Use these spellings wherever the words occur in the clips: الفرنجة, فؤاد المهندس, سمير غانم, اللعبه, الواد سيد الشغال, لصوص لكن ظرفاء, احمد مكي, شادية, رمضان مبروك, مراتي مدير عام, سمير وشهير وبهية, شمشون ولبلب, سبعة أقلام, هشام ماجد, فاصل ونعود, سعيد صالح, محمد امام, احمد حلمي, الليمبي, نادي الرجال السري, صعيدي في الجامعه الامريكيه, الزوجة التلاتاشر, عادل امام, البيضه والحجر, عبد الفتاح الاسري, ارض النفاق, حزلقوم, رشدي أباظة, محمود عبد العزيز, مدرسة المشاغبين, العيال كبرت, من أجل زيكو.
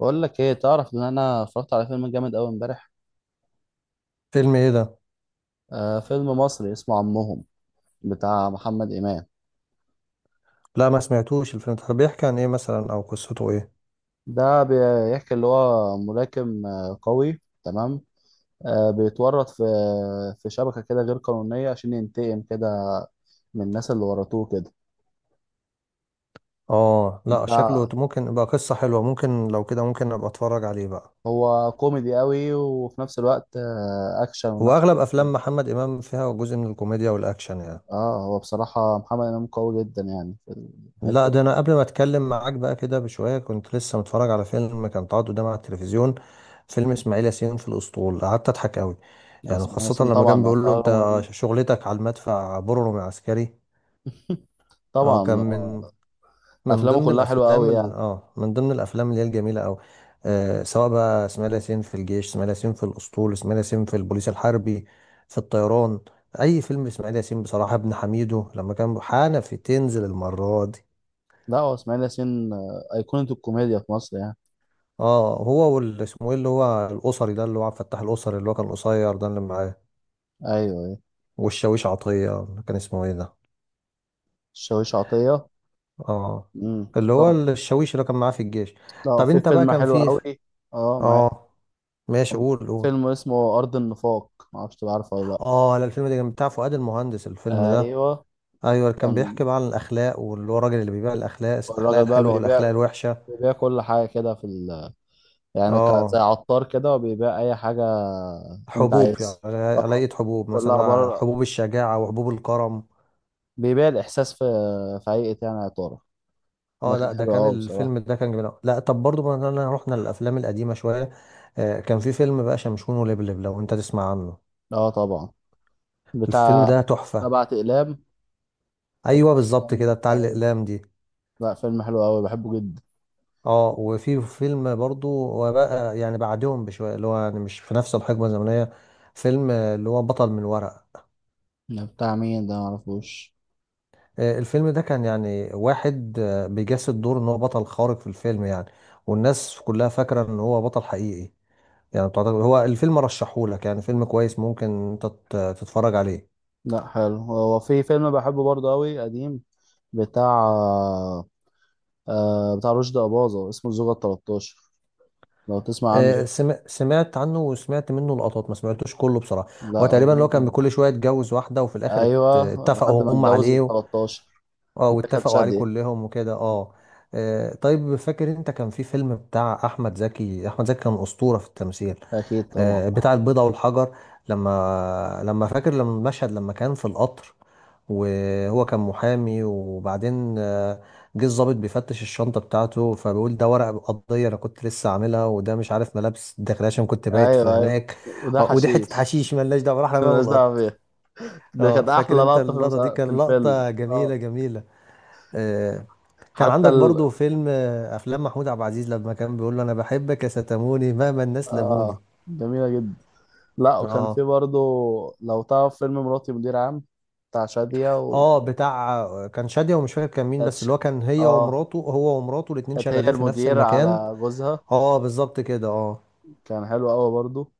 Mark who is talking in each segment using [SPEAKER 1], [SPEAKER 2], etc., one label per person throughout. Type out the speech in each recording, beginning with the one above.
[SPEAKER 1] بقول لك ايه، تعرف ان انا اتفرجت على فيلم جامد قوي امبارح؟
[SPEAKER 2] فيلم ايه ده؟
[SPEAKER 1] آه، فيلم مصري اسمه عمهم بتاع محمد امام.
[SPEAKER 2] لا، ما سمعتوش الفيلم ده. طب بيحكي عن ايه مثلا، او قصته ايه؟
[SPEAKER 1] ده بيحكي اللي هو ملاكم، قوي تمام. بيتورط في شبكه كده غير قانونيه عشان ينتقم كده من الناس اللي ورطوه كده.
[SPEAKER 2] اه، لا شكله
[SPEAKER 1] بتاع،
[SPEAKER 2] ممكن يبقى قصة حلوة، ممكن لو كده ممكن ابقى اتفرج عليه بقى.
[SPEAKER 1] هو كوميدي قوي وفي نفس الوقت اكشن
[SPEAKER 2] هو
[SPEAKER 1] ونفس.
[SPEAKER 2] اغلب افلام محمد امام فيها جزء من الكوميديا والاكشن، يعني.
[SPEAKER 1] اه، هو بصراحه محمد امام قوي جدا يعني في
[SPEAKER 2] لا،
[SPEAKER 1] الحته
[SPEAKER 2] ده
[SPEAKER 1] دي.
[SPEAKER 2] انا قبل ما اتكلم معاك بقى كده بشوية كنت لسه متفرج على فيلم كان اتعرض قدامي على التلفزيون. فيلم اسماعيل ياسين في الاسطول، قعدت اضحك قوي. يعني
[SPEAKER 1] اسماعيل
[SPEAKER 2] خاصة
[SPEAKER 1] ياسين
[SPEAKER 2] لما كان
[SPEAKER 1] طبعا
[SPEAKER 2] بيقول له:
[SPEAKER 1] افلامه
[SPEAKER 2] انت
[SPEAKER 1] جميل.
[SPEAKER 2] شغلتك على المدفع بررم عسكري. اه
[SPEAKER 1] طبعا،
[SPEAKER 2] كان من
[SPEAKER 1] افلامه
[SPEAKER 2] ضمن
[SPEAKER 1] كلها حلوه
[SPEAKER 2] الافلام
[SPEAKER 1] قوي
[SPEAKER 2] ال...
[SPEAKER 1] يعني.
[SPEAKER 2] اه من ضمن الافلام اللي هي الجميله قوي. سواء بقى اسماعيل ياسين في الجيش، اسماعيل ياسين في الاسطول، اسماعيل ياسين في البوليس الحربي، في الطيران. اي فيلم اسماعيل ياسين بصراحه، ابن حميدو لما كان حنفي تنزل المره دي.
[SPEAKER 1] لا هو اسماعيل ياسين، ايقونه الكوميديا في مصر يعني.
[SPEAKER 2] اه هو اسمه ايه، اللي هو الاسري ده، اللي هو عبد الفتاح الاسري، اللي هو كان قصير ده، اللي معاه.
[SPEAKER 1] ايوه ايوه.
[SPEAKER 2] والشاويش عطيه كان اسمه ايه ده؟
[SPEAKER 1] الشاويش عطيه.
[SPEAKER 2] اه،
[SPEAKER 1] امم
[SPEAKER 2] اللي هو
[SPEAKER 1] كم-
[SPEAKER 2] الشاويش اللي كان معاه في الجيش.
[SPEAKER 1] لا،
[SPEAKER 2] طب
[SPEAKER 1] في
[SPEAKER 2] انت بقى
[SPEAKER 1] فيلم
[SPEAKER 2] كان
[SPEAKER 1] حلو
[SPEAKER 2] فيه.
[SPEAKER 1] قوي. اه، معايا
[SPEAKER 2] اه، ماشي، قول قول.
[SPEAKER 1] فيلم اسمه ارض النفاق، ما اعرفش تبقى عارفه ولا.
[SPEAKER 2] اه، لا، الفيلم ده كان بتاع فؤاد المهندس الفيلم
[SPEAKER 1] لا
[SPEAKER 2] ده.
[SPEAKER 1] ايوه.
[SPEAKER 2] ايوه، كان
[SPEAKER 1] كان
[SPEAKER 2] بيحكي بقى عن الاخلاق واللي هو الراجل اللي بيبيع الاخلاق، الاخلاق
[SPEAKER 1] الراجل بقى
[SPEAKER 2] الحلوه
[SPEAKER 1] بيبيع،
[SPEAKER 2] والاخلاق الوحشه.
[SPEAKER 1] بيبيع كل حاجه كده في ال... يعني ك... زي
[SPEAKER 2] اه،
[SPEAKER 1] عطار كده وبيبيع اي حاجه انت
[SPEAKER 2] حبوب
[SPEAKER 1] عايزها.
[SPEAKER 2] يعني.
[SPEAKER 1] اه،
[SPEAKER 2] علاقة حبوب،
[SPEAKER 1] كلها
[SPEAKER 2] مثلا
[SPEAKER 1] عباره،
[SPEAKER 2] حبوب الشجاعه وحبوب الكرم.
[SPEAKER 1] بيبيع الاحساس في في هيئه يعني عطاره. ده
[SPEAKER 2] اه،
[SPEAKER 1] كان
[SPEAKER 2] لا، ده
[SPEAKER 1] حلو
[SPEAKER 2] كان
[SPEAKER 1] قوي بصراحه.
[SPEAKER 2] الفيلم ده كان جميل أوي. لا طب برضو مثلا رحنا للافلام القديمه شويه. كان في فيلم بقى شمشون ولبلب، لو انت تسمع عنه.
[SPEAKER 1] اه، طبعا.
[SPEAKER 2] الفيلم
[SPEAKER 1] بتاع
[SPEAKER 2] ده تحفه.
[SPEAKER 1] سبعة أقلام.
[SPEAKER 2] ايوه بالظبط
[SPEAKER 1] كان-
[SPEAKER 2] كده، بتاع
[SPEAKER 1] أيوة.
[SPEAKER 2] الاقلام دي.
[SPEAKER 1] لا، فيلم حلو أوي بحبه جدا.
[SPEAKER 2] اه، وفي فيلم برضو وبقى يعني بعدهم بشويه، اللي هو يعني مش في نفس الحقبه الزمنيه. فيلم اللي هو بطل من ورقه.
[SPEAKER 1] ده بتاع مين ده، معرفوش.
[SPEAKER 2] الفيلم ده كان يعني واحد بيجسد دور ان هو بطل خارق في الفيلم، يعني. والناس كلها فاكره ان هو بطل حقيقي. يعني بتعتقد هو الفيلم رشحهولك، يعني فيلم كويس، ممكن انت تتفرج عليه.
[SPEAKER 1] لا، حلو. هو في فيلم بحبه برضه أوي قديم، بتاع، بتاع رشدي أباظة اسمه الزوجة التلاتاشر، لو تسمع عنه. زوجة،
[SPEAKER 2] سمعت عنه وسمعت منه لقطات، ما سمعتوش كله بصراحه.
[SPEAKER 1] لا
[SPEAKER 2] هو
[SPEAKER 1] هو
[SPEAKER 2] تقريبا اللي هو
[SPEAKER 1] جميل
[SPEAKER 2] كان
[SPEAKER 1] جدا.
[SPEAKER 2] كل شويه يتجوز واحده، وفي الاخر
[SPEAKER 1] أيوه، لحد ما
[SPEAKER 2] اتفقوا هم
[SPEAKER 1] اتجوز
[SPEAKER 2] عليه.
[SPEAKER 1] التلاتاشر.
[SPEAKER 2] اه،
[SPEAKER 1] لا، كانت
[SPEAKER 2] واتفقوا عليه
[SPEAKER 1] شادية.
[SPEAKER 2] كلهم وكده، اه. طيب فاكر انت كان في فيلم بتاع احمد زكي؟ احمد زكي كان اسطوره في التمثيل.
[SPEAKER 1] أكيد طبعا.
[SPEAKER 2] بتاع البيضه والحجر. لما فاكر لما المشهد لما كان في القطر، وهو كان محامي، وبعدين جه الضابط بيفتش الشنطه بتاعته، فبيقول: ده ورق قضيه انا كنت لسه عاملها، وده مش عارف ملابس داخليه عشان كنت بايت في
[SPEAKER 1] أيوه أيوه.
[SPEAKER 2] هناك.
[SPEAKER 1] وده
[SPEAKER 2] ودي حته
[SPEAKER 1] حشيش.
[SPEAKER 2] حشيش مالناش دعوه، راح رماها
[SPEAKER 1] مالناش
[SPEAKER 2] من
[SPEAKER 1] دعوة
[SPEAKER 2] القطر.
[SPEAKER 1] بيه. ده
[SPEAKER 2] اه
[SPEAKER 1] كانت أحلى
[SPEAKER 2] فاكر انت
[SPEAKER 1] لقطة في
[SPEAKER 2] اللقطه دي،
[SPEAKER 1] المسا... في
[SPEAKER 2] كان
[SPEAKER 1] الفيلم،
[SPEAKER 2] لقطه
[SPEAKER 1] اه.
[SPEAKER 2] جميله جميله. آه، كان
[SPEAKER 1] حتى
[SPEAKER 2] عندك
[SPEAKER 1] ال،
[SPEAKER 2] برضو فيلم افلام محمود عبد العزيز لما كان بيقول له: انا بحبك يا ستموني مهما الناس لموني.
[SPEAKER 1] آه، جميلة جدا. لا، وكان في
[SPEAKER 2] اه.
[SPEAKER 1] برضه، لو تعرف فيلم مراتي مدير عام بتاع شادية.
[SPEAKER 2] اه،
[SPEAKER 1] وكانت
[SPEAKER 2] بتاع كان شادية ومش فاكر كان مين، بس
[SPEAKER 1] ش...
[SPEAKER 2] اللي هو كان هي
[SPEAKER 1] اه،
[SPEAKER 2] ومراته، هو ومراته الاتنين
[SPEAKER 1] كانت هي
[SPEAKER 2] شغالين في نفس
[SPEAKER 1] المدير
[SPEAKER 2] المكان.
[SPEAKER 1] على جوزها.
[SPEAKER 2] اه، بالظبط كده، اه.
[SPEAKER 1] كان حلو قوي برضه.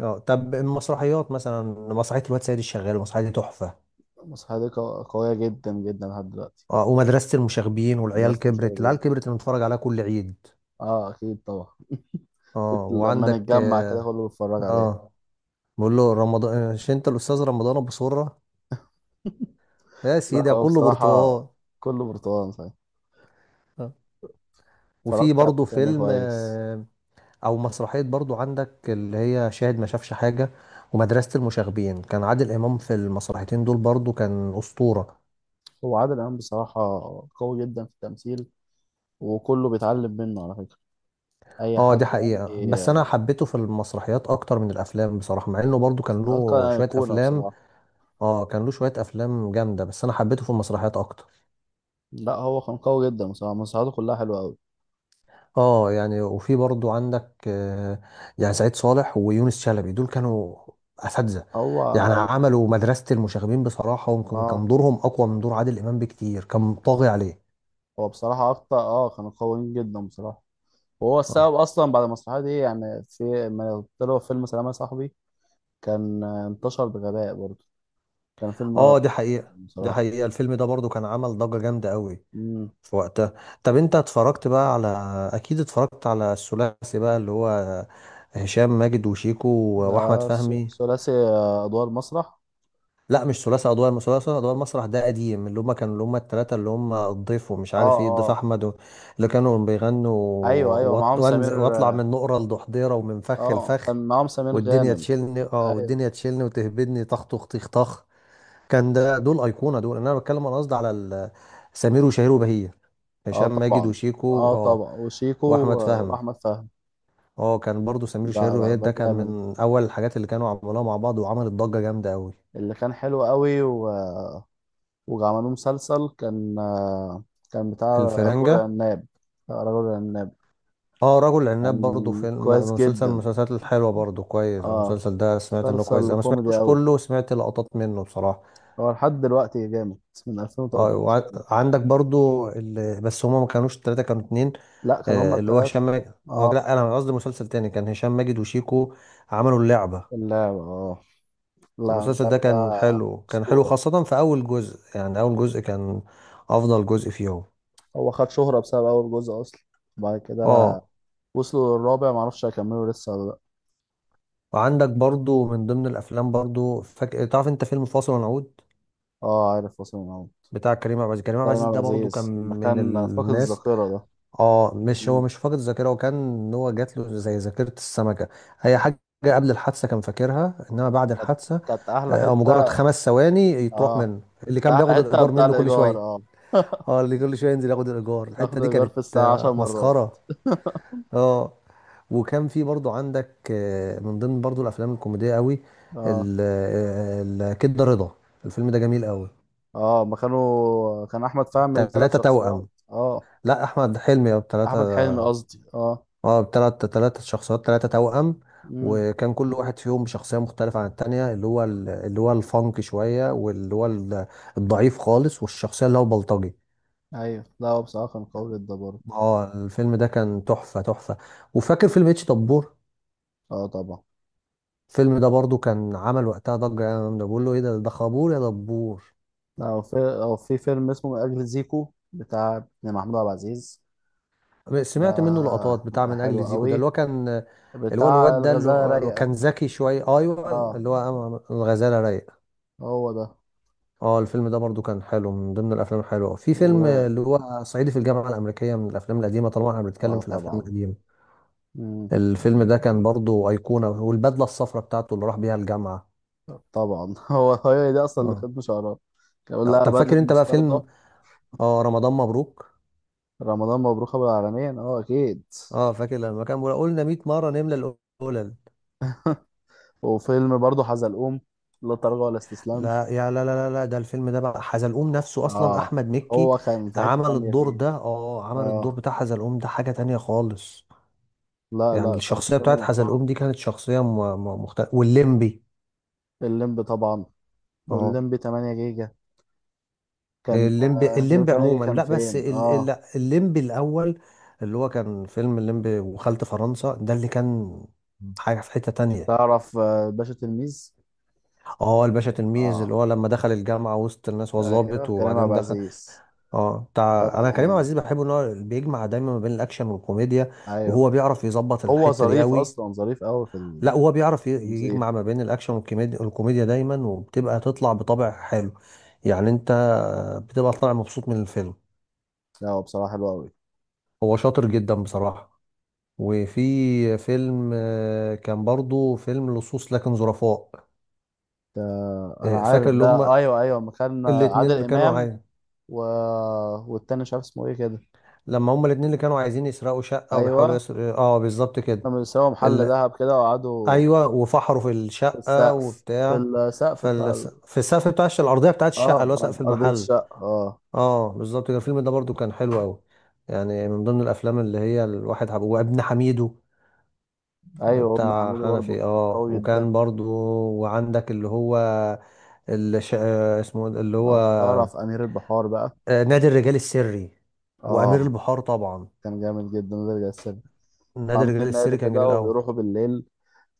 [SPEAKER 2] اه، طب المسرحيات مثلا، مسرحية الواد سيد الشغال، المسرحية دي تحفة.
[SPEAKER 1] المسرحية دي قوية جدا جدا لحد دلوقتي.
[SPEAKER 2] اه، ومدرسة المشاغبين، والعيال
[SPEAKER 1] مدرسة
[SPEAKER 2] كبرت العيال
[SPEAKER 1] المشاغبين
[SPEAKER 2] كبرت اللي بنتفرج عليها كل عيد.
[SPEAKER 1] اه اكيد طبعا.
[SPEAKER 2] اه
[SPEAKER 1] لما
[SPEAKER 2] وعندك،
[SPEAKER 1] نتجمع كده كله بيتفرج عليها.
[SPEAKER 2] آه بقول له رمضان، مش انت الاستاذ رمضان ابو سره؟ يا
[SPEAKER 1] لا
[SPEAKER 2] سيدي
[SPEAKER 1] هو
[SPEAKER 2] كله
[SPEAKER 1] بصراحة
[SPEAKER 2] برتقال.
[SPEAKER 1] كله برتقال صحيح.
[SPEAKER 2] آه. وفي
[SPEAKER 1] اتفرجت على
[SPEAKER 2] برضه
[SPEAKER 1] تاني
[SPEAKER 2] فيلم
[SPEAKER 1] كويس.
[SPEAKER 2] او مسرحيه برضه عندك اللي هي شاهد ما شافش حاجه. ومدرسه المشاغبين كان عادل امام في المسرحيتين دول برضه كان اسطوره.
[SPEAKER 1] هو عادل إمام بصراحة قوي جدا في التمثيل، وكله بيتعلم منه على فكرة، أي
[SPEAKER 2] اه، دي
[SPEAKER 1] حد
[SPEAKER 2] حقيقه، بس انا
[SPEAKER 1] يعني.
[SPEAKER 2] حبيته في المسرحيات اكتر من الافلام بصراحه، مع انه برضه كان
[SPEAKER 1] مساعدته كان
[SPEAKER 2] له شويه
[SPEAKER 1] أيقونة
[SPEAKER 2] افلام.
[SPEAKER 1] بصراحة.
[SPEAKER 2] اه، كان له شويه افلام جامده، بس انا حبيته في المسرحيات اكتر.
[SPEAKER 1] لا هو كان قوي جدا بصراحة، مساعدته كلها حلوة أوي.
[SPEAKER 2] اه، يعني وفي برضو عندك يعني سعيد صالح ويونس شلبي دول كانوا اساتذه.
[SPEAKER 1] هو
[SPEAKER 2] يعني
[SPEAKER 1] ال-
[SPEAKER 2] عملوا مدرسه المشاغبين بصراحه، ويمكن
[SPEAKER 1] اه،
[SPEAKER 2] كان دورهم اقوى من دور عادل امام بكتير، كان طاغي عليه.
[SPEAKER 1] هو بصراحة أكتر، اه، كانوا قويين جدا بصراحة. وهو
[SPEAKER 2] اه
[SPEAKER 1] السبب أصلا بعد المسرحية دي، يعني في لما طلعوا فيلم سلام يا صاحبي، كان، انتشر بغباء برضه. كان فيلم
[SPEAKER 2] اه دي حقيقه. دي
[SPEAKER 1] بصراحة.
[SPEAKER 2] حقيقه الفيلم ده برضو كان عمل ضجه جامده قوي
[SPEAKER 1] مم.
[SPEAKER 2] في وقتها. طب انت اتفرجت بقى على، اكيد اتفرجت على الثلاثي بقى اللي هو هشام ماجد وشيكو
[SPEAKER 1] ده
[SPEAKER 2] واحمد فهمي.
[SPEAKER 1] ثلاثي، أدوار مسرح.
[SPEAKER 2] لا، مش ثلاثي أضواء المسرح. ثلاثي أضواء المسرح ده قديم، اللي هما التلاتة، اللي هما الضيف ومش
[SPEAKER 1] اه.
[SPEAKER 2] عارف ايه الضيف
[SPEAKER 1] اه.
[SPEAKER 2] أحمد اللي كانوا
[SPEAKER 1] أيوه
[SPEAKER 2] بيغنوا،
[SPEAKER 1] أيوه، معاهم سمير.
[SPEAKER 2] وأطلع من نقرة لضحضيرة ومن فخ
[SPEAKER 1] اه،
[SPEAKER 2] لفخ.
[SPEAKER 1] كان معاهم سمير
[SPEAKER 2] والدنيا
[SPEAKER 1] غانم.
[SPEAKER 2] تشيلني،
[SPEAKER 1] أيوه.
[SPEAKER 2] والدنيا تشيلني وتهبدني طخ طخ طخ طخ. كان ده دول أيقونة دول. أنا قصدي على سمير وشهير وبهية،
[SPEAKER 1] اه
[SPEAKER 2] هشام ماجد
[SPEAKER 1] طبعا.
[SPEAKER 2] وشيكو،
[SPEAKER 1] اه
[SPEAKER 2] اه،
[SPEAKER 1] طبعا، وشيكو،
[SPEAKER 2] واحمد فهمي.
[SPEAKER 1] وأحمد فهمي.
[SPEAKER 2] اه، كان برضو سمير
[SPEAKER 1] لا
[SPEAKER 2] وشهير
[SPEAKER 1] لا،
[SPEAKER 2] وبهية
[SPEAKER 1] ده
[SPEAKER 2] ده كان
[SPEAKER 1] جامد.
[SPEAKER 2] من اول الحاجات اللي كانوا عملوها مع بعض، وعملت ضجة جامدة قوي.
[SPEAKER 1] اللي كان حلو قوي و... وعملوه مسلسل، كان كان بتاع رجل
[SPEAKER 2] الفرنجة.
[SPEAKER 1] العناب. بتاع رجل العناب،
[SPEAKER 2] اه، رجل
[SPEAKER 1] كان
[SPEAKER 2] عناب برضه فيلم،
[SPEAKER 1] كويس
[SPEAKER 2] مسلسل من
[SPEAKER 1] جدا.
[SPEAKER 2] المسلسلات الحلوه برضه كويس.
[SPEAKER 1] اه،
[SPEAKER 2] المسلسل ده سمعت انه
[SPEAKER 1] مسلسل
[SPEAKER 2] كويس، انا ما
[SPEAKER 1] كوميدي
[SPEAKER 2] سمعتوش
[SPEAKER 1] قوي،
[SPEAKER 2] كله، سمعت لقطات منه بصراحه.
[SPEAKER 1] هو لحد دلوقتي جامد، من 2013 يعني.
[SPEAKER 2] عندك برضه اللي بس هما ما كانوش ثلاثه، كانوا اتنين،
[SPEAKER 1] لا، كان هما
[SPEAKER 2] اللي هو
[SPEAKER 1] التلاتة.
[SPEAKER 2] هشام ماجد، اه،
[SPEAKER 1] اه،
[SPEAKER 2] لا، انا قصدي مسلسل تاني كان هشام ماجد وشيكو عملوا اللعبه.
[SPEAKER 1] اللعبة اه. لا،
[SPEAKER 2] المسلسل ده
[SPEAKER 1] اللعبة ده
[SPEAKER 2] كان حلو، كان حلو
[SPEAKER 1] أسطورة.
[SPEAKER 2] خاصه في اول جزء، يعني اول جزء كان افضل جزء فيهم.
[SPEAKER 1] هو خد شهرة بسبب أول جزء أصلا. بعد كده
[SPEAKER 2] اه،
[SPEAKER 1] وصلوا للرابع، معرفش هيكملوا لسه ولا لأ.
[SPEAKER 2] وعندك برضه من ضمن الافلام برضه، تعرف انت فيلم فاصل ونعود
[SPEAKER 1] اه عارف، وصلوا من أول.
[SPEAKER 2] بتاع كريم عبد العزيز؟ كريم عبد
[SPEAKER 1] كريم
[SPEAKER 2] العزيز
[SPEAKER 1] عبد
[SPEAKER 2] ده برضه كان
[SPEAKER 1] العزيز لما
[SPEAKER 2] من
[SPEAKER 1] كان فاقد
[SPEAKER 2] الناس.
[SPEAKER 1] الذاكرة ده.
[SPEAKER 2] اه، مش هو
[SPEAKER 1] مم.
[SPEAKER 2] مش فاقد ذاكره، هو كان ان هو جات له زي ذاكره السمكه اي حاجه قبل الحادثه كان فاكرها، انما بعد
[SPEAKER 1] كانت،
[SPEAKER 2] الحادثه
[SPEAKER 1] كانت أحلى
[SPEAKER 2] او مجرد
[SPEAKER 1] حتة.
[SPEAKER 2] خمس ثواني تروح
[SPEAKER 1] اه،
[SPEAKER 2] منه، اللي كان
[SPEAKER 1] كانت أحلى
[SPEAKER 2] بياخد
[SPEAKER 1] حتة
[SPEAKER 2] الايجار
[SPEAKER 1] بتاع
[SPEAKER 2] منه كل
[SPEAKER 1] الإيجار،
[SPEAKER 2] شويه.
[SPEAKER 1] اه.
[SPEAKER 2] اه، اللي كل شويه ينزل ياخد الايجار الحته
[SPEAKER 1] ياخد
[SPEAKER 2] دي
[SPEAKER 1] إيجار
[SPEAKER 2] كانت
[SPEAKER 1] في الساعة عشر مرات.
[SPEAKER 2] مسخره. اه، وكان في برضه عندك من ضمن برضه الافلام الكوميديه قوي،
[SPEAKER 1] اه.
[SPEAKER 2] ال- آه، آه، كده رضا، الفيلم ده جميل قوي.
[SPEAKER 1] اه، ما كانوا كان أحمد فهمي بثلاث
[SPEAKER 2] ثلاثه
[SPEAKER 1] شخصيات
[SPEAKER 2] توأم.
[SPEAKER 1] اه.
[SPEAKER 2] لا، احمد حلمي بثلاثه.
[SPEAKER 1] أحمد حلمي قصدي، اه.
[SPEAKER 2] اه، بثلاثه شخصيات، ثلاثه توأم.
[SPEAKER 1] مم.
[SPEAKER 2] وكان كل واحد فيهم بشخصيه مختلفه عن التانيه، اللي هو اللي هو الفانك شويه، واللي هو الضعيف خالص، والشخصيه اللي هو بلطجي.
[SPEAKER 1] أيوه، لا هو بصراحة كان قوي جدا برضه.
[SPEAKER 2] اه، الفيلم ده كان تحفه تحفه. وفاكر فيلم اتش دبور؟
[SPEAKER 1] اه طبعا.
[SPEAKER 2] الفيلم ده برضو كان عمل وقتها ضجه، يعني انا بقول له: ايه ده خابور يا دبور.
[SPEAKER 1] لا، هو في فيلم اسمه من أجل زيكو بتاع ابن محمود عبد العزيز،
[SPEAKER 2] سمعت منه
[SPEAKER 1] ده
[SPEAKER 2] لقطات بتاع من اجل
[SPEAKER 1] حلو
[SPEAKER 2] زيكو ده اللي
[SPEAKER 1] قوي،
[SPEAKER 2] هو كان، اللي هو
[SPEAKER 1] بتاع
[SPEAKER 2] الواد ده اللي
[SPEAKER 1] الغزالة
[SPEAKER 2] هو
[SPEAKER 1] رايقة.
[SPEAKER 2] كان ذكي شويه، ايوه
[SPEAKER 1] اه
[SPEAKER 2] اللي هو الغزاله رايق.
[SPEAKER 1] هو ده.
[SPEAKER 2] اه، الفيلم ده برضو كان حلو من ضمن الافلام الحلوه. في فيلم
[SPEAKER 1] و،
[SPEAKER 2] اللي هو صعيدي في الجامعه الامريكيه من الافلام القديمه، طالما احنا
[SPEAKER 1] اه
[SPEAKER 2] بنتكلم في الافلام
[SPEAKER 1] طبعا.
[SPEAKER 2] القديمه،
[SPEAKER 1] مم.
[SPEAKER 2] الفيلم ده كان برضو ايقونه، والبدله الصفراء بتاعته اللي راح بيها الجامعه.
[SPEAKER 1] طبعا، هو هي دي اصلا اللي
[SPEAKER 2] اه
[SPEAKER 1] خدمة شعرات، كان بيقول لها
[SPEAKER 2] طب
[SPEAKER 1] بدلة
[SPEAKER 2] فاكر انت بقى
[SPEAKER 1] مستردة.
[SPEAKER 2] فيلم اه رمضان مبروك؟
[SPEAKER 1] رمضان مبروك ابو العالمين، اه اكيد.
[SPEAKER 2] اه فاكر لما كان بيقول: قلنا 100 مره نملى القلل.
[SPEAKER 1] وفيلم برضه حزلقوم، لا تراجع ولا استسلام.
[SPEAKER 2] لا، يا، لا، لا، لا، لا، ده الفيلم ده بقى حزلقوم نفسه اصلا،
[SPEAKER 1] اه،
[SPEAKER 2] احمد مكي
[SPEAKER 1] هو كان في حتة
[SPEAKER 2] عمل
[SPEAKER 1] تانية
[SPEAKER 2] الدور
[SPEAKER 1] فيه
[SPEAKER 2] ده. اه عمل الدور
[SPEAKER 1] اه.
[SPEAKER 2] بتاع حزلقوم ده حاجه تانية خالص،
[SPEAKER 1] لا
[SPEAKER 2] يعني
[SPEAKER 1] لا، كان
[SPEAKER 2] الشخصية
[SPEAKER 1] فيلم
[SPEAKER 2] بتاعت
[SPEAKER 1] محترم.
[SPEAKER 2] حزلقوم دي كانت شخصية مختلفة. والليمبي.
[SPEAKER 1] الليمبي طبعا،
[SPEAKER 2] اه،
[SPEAKER 1] والليمبي 8 جيجا كان،
[SPEAKER 2] الليمبي،
[SPEAKER 1] الليمبي 8 جيجا
[SPEAKER 2] عموما،
[SPEAKER 1] كان
[SPEAKER 2] لا بس
[SPEAKER 1] فين اه.
[SPEAKER 2] لا، الليمبي الأول اللي هو كان فيلم الليمبي وخلت فرنسا ده اللي كان حاجة في حتة تانية.
[SPEAKER 1] تعرف، باشا تلميذ.
[SPEAKER 2] اه، الباشا تلميذ اللي
[SPEAKER 1] اه
[SPEAKER 2] هو لما دخل الجامعة وسط الناس هو
[SPEAKER 1] ايوه،
[SPEAKER 2] ظابط،
[SPEAKER 1] كريم عبد
[SPEAKER 2] وبعدين دخل.
[SPEAKER 1] العزيز.
[SPEAKER 2] اه،
[SPEAKER 1] ده
[SPEAKER 2] بتاع، أنا كريم عبد العزيز بحبه إن هو بيجمع دايما ما بين الأكشن والكوميديا،
[SPEAKER 1] ايوه.
[SPEAKER 2] وهو بيعرف يظبط
[SPEAKER 1] هو
[SPEAKER 2] الحتة دي
[SPEAKER 1] ظريف
[SPEAKER 2] قوي.
[SPEAKER 1] اصلا، ظريف قوي في
[SPEAKER 2] لا، هو بيعرف
[SPEAKER 1] التمثيل.
[SPEAKER 2] يجمع ما بين الاكشن والكوميديا، الكوميديا دايما، وبتبقى تطلع بطبع حلو. يعني انت بتبقى طالع مبسوط من الفيلم.
[SPEAKER 1] لا هو بصراحه حلو قوي.
[SPEAKER 2] هو شاطر جدا بصراحة. وفي فيلم كان برضو فيلم لصوص لكن ظرفاء.
[SPEAKER 1] ده انا
[SPEAKER 2] فاكر
[SPEAKER 1] عارف
[SPEAKER 2] اللي هم
[SPEAKER 1] ده، ايوه ايوه، ما كان
[SPEAKER 2] الاتنين
[SPEAKER 1] عادل
[SPEAKER 2] اللي كانوا
[SPEAKER 1] امام.
[SPEAKER 2] عايز،
[SPEAKER 1] و... والتاني مش عارف اسمه ايه كده.
[SPEAKER 2] لما هم الاتنين اللي كانوا عايزين يسرقوا شقة وبيحاولوا
[SPEAKER 1] ايوه.
[SPEAKER 2] يسرقوا، اه، بالظبط كده.
[SPEAKER 1] كانوا سوا محل
[SPEAKER 2] ال...
[SPEAKER 1] دهب كده وقعدوا
[SPEAKER 2] ايوه وفحروا في
[SPEAKER 1] في
[SPEAKER 2] الشقة
[SPEAKER 1] السقف، في
[SPEAKER 2] وبتاع،
[SPEAKER 1] السقف بتاع
[SPEAKER 2] فال...
[SPEAKER 1] ال...
[SPEAKER 2] في السقف بتاع الارضية بتاعت الشقة
[SPEAKER 1] اه،
[SPEAKER 2] اللي هو سقف
[SPEAKER 1] ارضيه
[SPEAKER 2] المحل.
[SPEAKER 1] الشقه اه.
[SPEAKER 2] اه، بالظبط كده، الفيلم ده برضو كان حلو قوي. يعني من ضمن الافلام اللي هي الواحد وابن حميدو.
[SPEAKER 1] ايوه، وابن
[SPEAKER 2] بتاع
[SPEAKER 1] حميدو برضه
[SPEAKER 2] حنفي،
[SPEAKER 1] كان
[SPEAKER 2] اه،
[SPEAKER 1] قوي جدا.
[SPEAKER 2] وكان برضو وعندك اللي هو الش... آه، اسمه إيه ده؟ اللي هو
[SPEAKER 1] لو تعرف امير البحار بقى.
[SPEAKER 2] نادي الرجال السري وامير
[SPEAKER 1] اه،
[SPEAKER 2] البحار طبعا.
[SPEAKER 1] كان جامد جدا، ده رجع السينما.
[SPEAKER 2] نادي
[SPEAKER 1] عاملين
[SPEAKER 2] الرجال
[SPEAKER 1] نادي
[SPEAKER 2] السري كان
[SPEAKER 1] كده
[SPEAKER 2] جميل قوي.
[SPEAKER 1] وبيروحوا بالليل،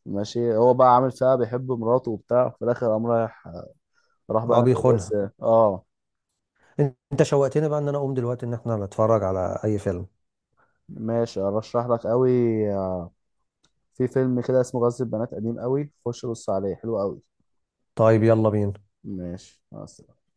[SPEAKER 1] ماشي. هو بقى عامل فيها بيحب مراته وبتاع، في الاخر قام رايح، راح بقى
[SPEAKER 2] اه،
[SPEAKER 1] نادي بس.
[SPEAKER 2] بيخونها.
[SPEAKER 1] اه.
[SPEAKER 2] انت شوقتني بقى ان انا اقوم دلوقتي ان احنا نتفرج على اي فيلم.
[SPEAKER 1] ماشي، ارشح لك قوي، في فيلم كده اسمه غزل البنات، قديم قوي، خش بص عليه، حلو قوي.
[SPEAKER 2] طيب يلا بينا.
[SPEAKER 1] ماشي، مع السلامة.